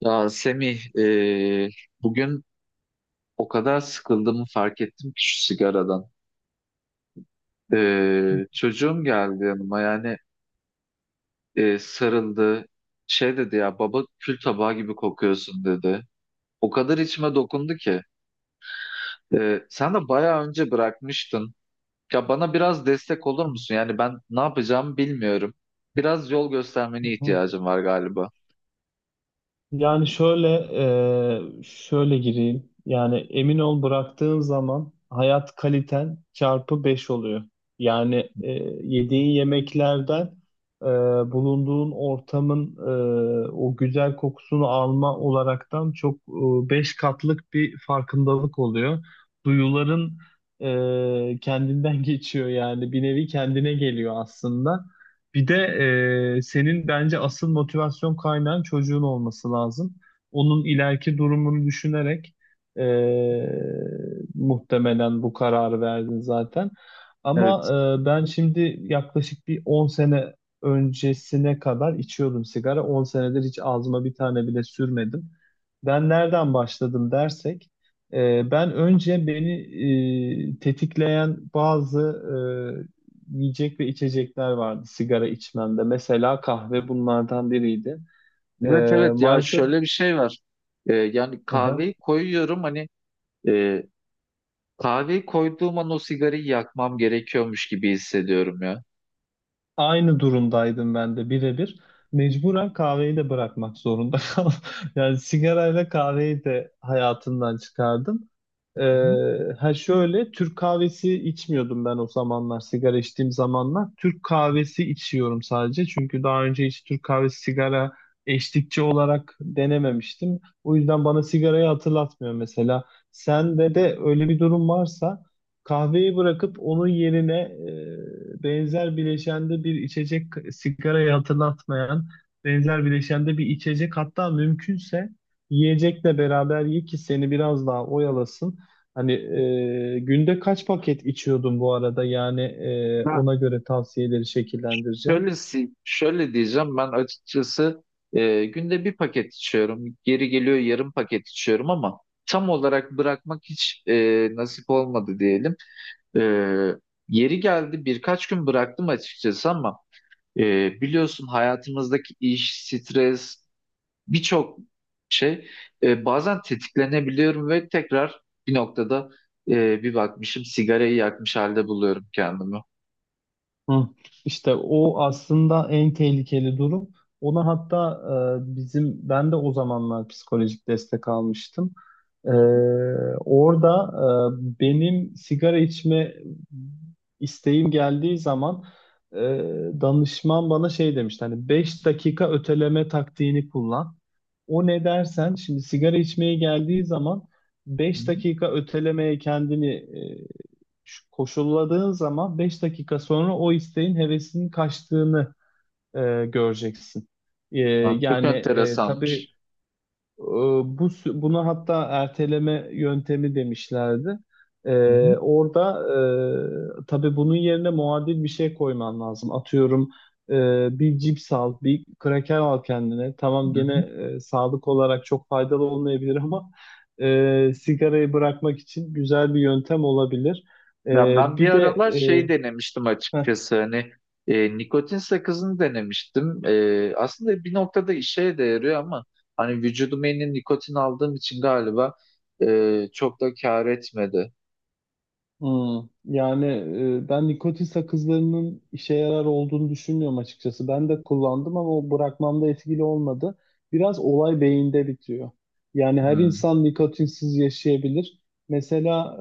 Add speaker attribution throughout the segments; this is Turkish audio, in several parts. Speaker 1: Ya Semih, e, bugün o kadar sıkıldığımı fark ettim ki şu sigaradan.
Speaker 2: Hı
Speaker 1: Çocuğum geldi yanıma yani sarıldı. Şey dedi ya baba kül tabağı gibi kokuyorsun dedi. O kadar içime dokundu ki. Sen de bayağı önce bırakmıştın. Ya bana biraz destek olur musun? Yani ben ne yapacağımı bilmiyorum. Biraz yol göstermene
Speaker 2: hı.
Speaker 1: ihtiyacım var galiba.
Speaker 2: Yani şöyle gireyim. Yani, emin ol, bıraktığın zaman hayat kaliten çarpı 5 oluyor. Yani yediğin yemeklerden, e, bulunduğun ortamın o güzel kokusunu alma olaraktan çok, 5 katlık bir farkındalık oluyor. Duyuların kendinden geçiyor, yani bir nevi kendine geliyor aslında. Bir de senin bence asıl motivasyon kaynağın çocuğun olması lazım. Onun ileriki durumunu düşünerek, e, muhtemelen bu kararı verdin zaten. Ama
Speaker 1: Evet.
Speaker 2: ben şimdi yaklaşık bir 10 sene öncesine kadar içiyordum sigara. 10 senedir hiç ağzıma bir tane bile sürmedim. Ben nereden başladım dersek, ben önce beni tetikleyen bazı yiyecek ve içecekler vardı sigara içmemde. Mesela kahve bunlardan biriydi.
Speaker 1: Evet,
Speaker 2: Ee,
Speaker 1: evet, ya
Speaker 2: maalesef
Speaker 1: şöyle bir şey var. Yani kahveyi koyuyorum hani e, Kahveyi koyduğum an o sigarayı yakmam gerekiyormuş gibi hissediyorum ya.
Speaker 2: Aynı durumdaydım ben de birebir. Mecburen kahveyi de bırakmak zorunda kaldım. Yani sigarayla kahveyi de hayatımdan çıkardım.
Speaker 1: Hı.
Speaker 2: Ha şöyle, Türk kahvesi içmiyordum ben o zamanlar, sigara içtiğim zamanlar. Türk kahvesi içiyorum sadece. Çünkü daha önce hiç Türk kahvesi sigara eşlikçi olarak denememiştim. O yüzden bana sigarayı hatırlatmıyor mesela. Sende de öyle bir durum varsa, kahveyi bırakıp onun yerine benzer bileşende bir içecek, sigarayı hatırlatmayan benzer bileşende bir içecek, hatta mümkünse yiyecekle beraber ye ki seni biraz daha oyalasın. Hani günde kaç paket içiyordun bu arada? Yani
Speaker 1: Ben
Speaker 2: ona göre tavsiyeleri şekillendireceğim.
Speaker 1: şöyle, şöyle diyeceğim ben açıkçası günde bir paket içiyorum. Geri geliyor yarım paket içiyorum ama tam olarak bırakmak hiç nasip olmadı diyelim. E, yeri geldi birkaç gün bıraktım açıkçası ama biliyorsun hayatımızdaki iş, stres, birçok şey bazen tetiklenebiliyorum ve tekrar bir noktada bir bakmışım sigarayı yakmış halde buluyorum kendimi.
Speaker 2: Hı. İşte o aslında en tehlikeli durum. Ona hatta, bizim, ben de o zamanlar psikolojik destek almıştım. E, orada benim sigara içme isteğim geldiği zaman, e, danışman bana şey demişti, hani 5 dakika öteleme taktiğini kullan. O ne dersen, şimdi sigara içmeye geldiği zaman
Speaker 1: Hı
Speaker 2: beş
Speaker 1: hı.
Speaker 2: dakika ötelemeye kendini e, koşulladığın zaman, 5 dakika sonra o isteğin, hevesinin kaçtığını e, göreceksin. E,
Speaker 1: Lan çok
Speaker 2: yani tabii
Speaker 1: enteresanmış.
Speaker 2: ee, buna hatta erteleme yöntemi demişlerdi.
Speaker 1: Hı hı,
Speaker 2: Orada, tabii, bunun yerine muadil bir şey koyman lazım. Atıyorum, bir cips al, bir kraker al kendine. Tamam,
Speaker 1: hı
Speaker 2: gene
Speaker 1: hı.
Speaker 2: sağlık olarak çok faydalı olmayabilir, ama sigarayı bırakmak için güzel bir yöntem olabilir. E,
Speaker 1: Ya ben bir
Speaker 2: bir de
Speaker 1: aralar şey denemiştim
Speaker 2: e, heh,
Speaker 1: açıkçası hani nikotin sakızını denemiştim. Aslında bir noktada işe de yarıyor ama hani vücuduma yeni nikotin aldığım için galiba çok da kâr etmedi.
Speaker 2: Hmm, Yani ben nikotin sakızlarının işe yarar olduğunu düşünmüyorum açıkçası. Ben de kullandım ama o bırakmamda etkili olmadı. Biraz olay beyinde bitiyor. Yani her
Speaker 1: Hı.
Speaker 2: insan nikotinsiz yaşayabilir. Mesela,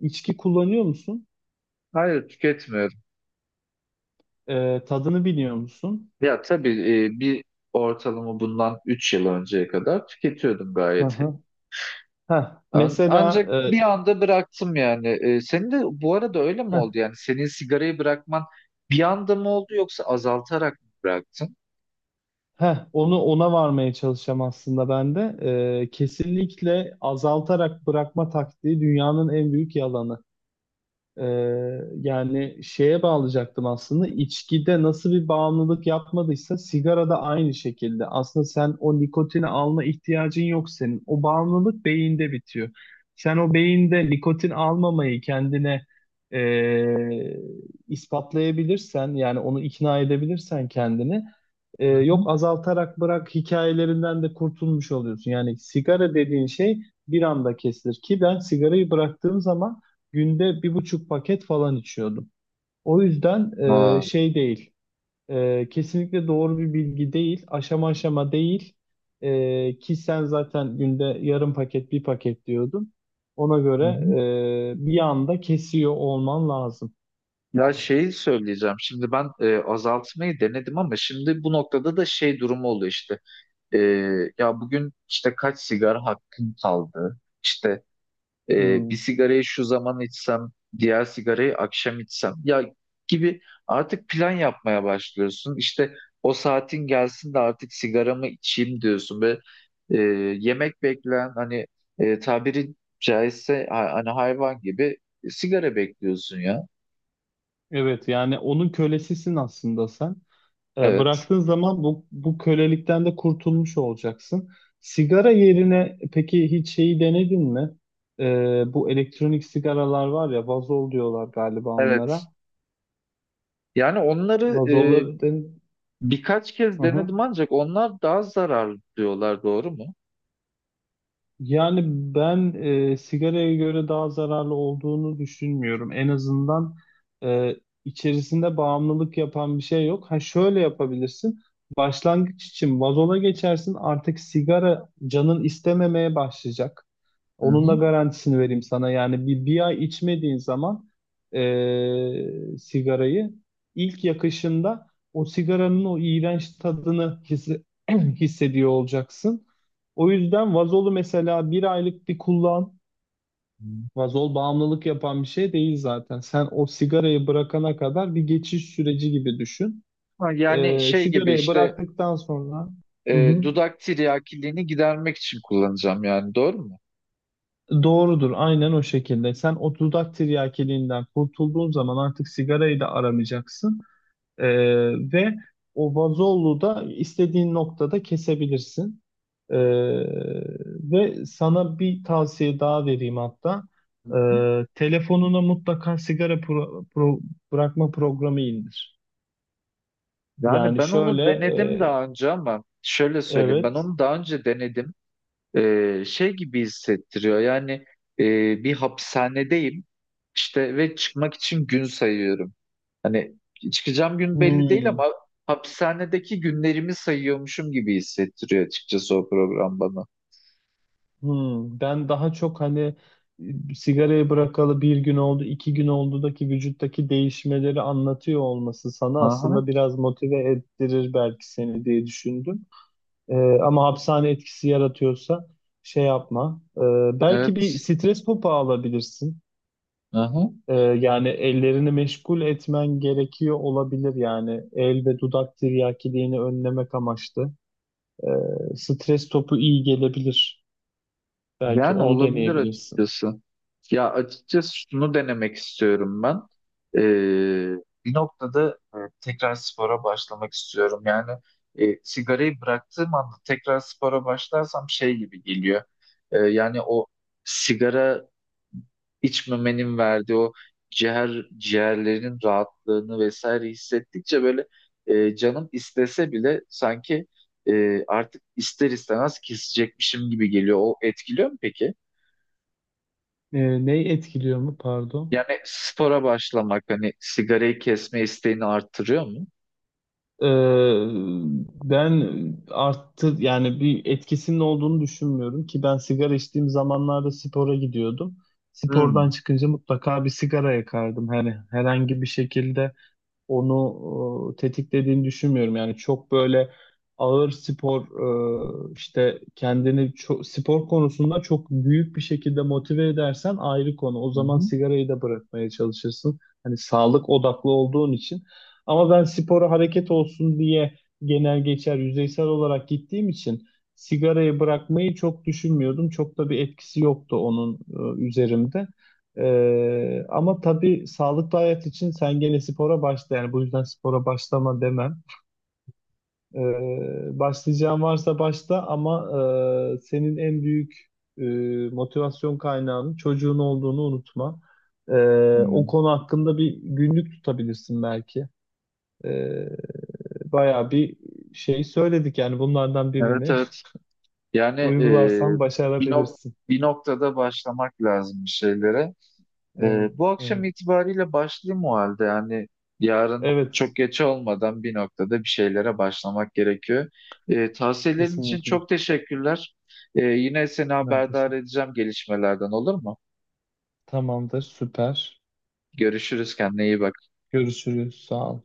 Speaker 2: içki kullanıyor musun?
Speaker 1: Hayır, tüketmiyorum.
Speaker 2: Tadını biliyor musun?
Speaker 1: Ya tabii bir ortalama bundan 3 yıl önceye kadar tüketiyordum
Speaker 2: Hı
Speaker 1: gayet.
Speaker 2: hı. Heh, mesela
Speaker 1: Ancak bir anda bıraktım yani. Senin de bu arada öyle mi
Speaker 2: e, heh,
Speaker 1: oldu yani? Senin sigarayı bırakman bir anda mı oldu yoksa azaltarak mı bıraktın?
Speaker 2: ona varmaya çalışacağım aslında ben de. Kesinlikle azaltarak bırakma taktiği dünyanın en büyük yalanı. Yani şeye bağlayacaktım aslında, içkide nasıl bir bağımlılık yapmadıysa sigarada aynı şekilde. Aslında sen o nikotini alma ihtiyacın yok senin. O bağımlılık beyinde bitiyor. Sen o beyinde nikotin almamayı kendine ee, ispatlayabilirsen, yani onu ikna edebilirsen kendini,
Speaker 1: Hı hı.
Speaker 2: yok azaltarak bırak hikayelerinden de kurtulmuş oluyorsun. Yani sigara dediğin şey bir anda kesilir ki, ben sigarayı bıraktığım zaman günde 1,5 paket falan içiyordum. O yüzden
Speaker 1: Aa,
Speaker 2: şey değil, kesinlikle doğru bir bilgi değil, aşama aşama değil. Ki sen zaten günde yarım paket, bir paket diyordun. Ona
Speaker 1: hı
Speaker 2: göre
Speaker 1: hı.
Speaker 2: bir anda kesiyor olman lazım.
Speaker 1: Ya şeyi söyleyeceğim. Şimdi ben azaltmayı denedim ama şimdi bu noktada da şey durumu oluyor işte. E, ya bugün işte kaç sigara hakkım kaldı? İşte,
Speaker 2: Hmm.
Speaker 1: bir sigarayı şu zaman içsem, diğer sigarayı akşam içsem ya gibi artık plan yapmaya başlıyorsun. İşte o saatin gelsin de artık sigaramı içeyim diyorsun ve e, yemek bekleyen hani tabiri caizse hani hayvan gibi sigara bekliyorsun ya.
Speaker 2: Evet, yani onun kölesisin aslında sen. E,
Speaker 1: Evet.
Speaker 2: bıraktığın zaman bu kölelikten de kurtulmuş olacaksın. Sigara yerine peki hiç şeyi denedin mi? E, bu elektronik sigaralar var ya, vazol diyorlar galiba
Speaker 1: Evet.
Speaker 2: onlara.
Speaker 1: Yani onları e,
Speaker 2: Vazolları
Speaker 1: birkaç kez
Speaker 2: Hı hı.
Speaker 1: denedim ancak onlar daha zararlı diyorlar, doğru mu?
Speaker 2: Yani ben sigaraya göre daha zararlı olduğunu düşünmüyorum. En azından e, içerisinde bağımlılık yapan bir şey yok. Ha, şöyle yapabilirsin. Başlangıç için vazola geçersin. Artık sigara canın istememeye başlayacak.
Speaker 1: Hı
Speaker 2: Onun da
Speaker 1: hı.
Speaker 2: garantisini vereyim sana. Yani, bir ay içmediğin zaman, sigarayı ilk yakışında o sigaranın o iğrenç tadını hissediyor olacaksın. O yüzden vazolu mesela bir aylık bir kullan.
Speaker 1: Hı.
Speaker 2: Vazol bağımlılık yapan bir şey değil zaten. Sen o sigarayı bırakana kadar bir geçiş süreci gibi düşün.
Speaker 1: Ha, yani
Speaker 2: Eee
Speaker 1: şey gibi
Speaker 2: sigarayı
Speaker 1: işte
Speaker 2: bıraktıktan sonra... Hı hı.
Speaker 1: dudak tiryakiliğini gidermek için kullanacağım yani doğru mu?
Speaker 2: Doğrudur, aynen o şekilde. Sen o dudak tiryakiliğinden kurtulduğun zaman artık sigarayı da aramayacaksın. Ee, ve o vazolu da istediğin noktada kesebilirsin. Ee, ve sana bir tavsiye daha vereyim hatta. Telefonuna mutlaka sigara bırakma programı indir.
Speaker 1: Yani
Speaker 2: Yani
Speaker 1: ben onu
Speaker 2: şöyle,
Speaker 1: denedim daha önce ama şöyle söyleyeyim, ben
Speaker 2: evet.
Speaker 1: onu daha önce denedim. Şey gibi hissettiriyor yani e, bir hapishanedeyim işte ve çıkmak için gün sayıyorum. Hani çıkacağım gün belli değil
Speaker 2: Hmm.
Speaker 1: ama hapishanedeki günlerimi sayıyormuşum gibi hissettiriyor açıkçası o program bana.
Speaker 2: Ben daha çok hani, sigarayı bırakalı bir gün oldu, 2 gün oldudaki vücuttaki değişmeleri anlatıyor olması sana
Speaker 1: Aha,
Speaker 2: aslında biraz motive ettirir belki seni diye düşündüm. Ee, ama hapishane etkisi yaratıyorsa şey yapma. Belki bir
Speaker 1: evet.
Speaker 2: stres topu alabilirsin.
Speaker 1: Aha.
Speaker 2: Yani ellerini meşgul etmen gerekiyor olabilir, yani el ve dudak tiryakiliğini önlemek amaçlı. Stres topu iyi gelebilir. Belki
Speaker 1: Yani
Speaker 2: onu
Speaker 1: olabilir
Speaker 2: deneyebilirsin.
Speaker 1: açıkçası. Ya açıkçası şunu denemek istiyorum ben. Ee, bir noktada tekrar spora başlamak istiyorum. Yani sigarayı bıraktığım anda tekrar spora başlarsam şey gibi geliyor. Yani o sigara içmemenin verdiği o ciğerlerin rahatlığını vesaire hissettikçe böyle canım istese bile sanki artık ister istemez kesecekmişim gibi geliyor. O etkiliyor mu peki?
Speaker 2: Neyi etkiliyor mu, pardon?
Speaker 1: Yani spora başlamak hani sigarayı kesme isteğini arttırıyor mu?
Speaker 2: E, ben arttı, yani bir etkisinin olduğunu düşünmüyorum ki ben sigara içtiğim zamanlarda spora gidiyordum. Spordan
Speaker 1: Hmm.
Speaker 2: çıkınca mutlaka bir sigara yakardım. Hani herhangi bir şekilde onu tetiklediğini düşünmüyorum. Yani çok böyle ağır spor, işte kendini çok, spor konusunda çok büyük bir şekilde motive edersen ayrı konu. O
Speaker 1: Hı
Speaker 2: zaman
Speaker 1: hı.
Speaker 2: sigarayı da bırakmaya çalışırsın. Hani sağlık odaklı olduğun için. Ama ben spora hareket olsun diye genel geçer yüzeysel olarak gittiğim için sigarayı bırakmayı çok düşünmüyordum. Çok da bir etkisi yoktu onun üzerimde. Ama tabii sağlıklı hayat için sen gene spora başla, yani bu yüzden spora başlama demem. Başlayacağın varsa başla, ama senin en büyük e, motivasyon kaynağının çocuğun olduğunu unutma. Ee, o
Speaker 1: Tamam.
Speaker 2: konu hakkında bir günlük tutabilirsin belki. Ee, bayağı bir şey söyledik, yani bunlardan
Speaker 1: Evet,
Speaker 2: birini
Speaker 1: evet. Yani
Speaker 2: uygularsan
Speaker 1: bir, nok-
Speaker 2: başarabilirsin.
Speaker 1: bir noktada başlamak lazım bir şeylere. E,
Speaker 2: Evet,
Speaker 1: bu akşam
Speaker 2: evet.
Speaker 1: itibariyle başlayayım o halde. Yani yarın
Speaker 2: Evet,
Speaker 1: çok geç olmadan bir noktada bir şeylere başlamak gerekiyor. Tavsiyelerin için
Speaker 2: kesinlikle.
Speaker 1: çok teşekkürler. Yine seni
Speaker 2: Ben
Speaker 1: haberdar
Speaker 2: teşekkür-
Speaker 1: edeceğim gelişmelerden olur mu?
Speaker 2: Tamamdır, süper.
Speaker 1: Görüşürüz, kendine iyi bak.
Speaker 2: Görüşürüz. Sağ ol.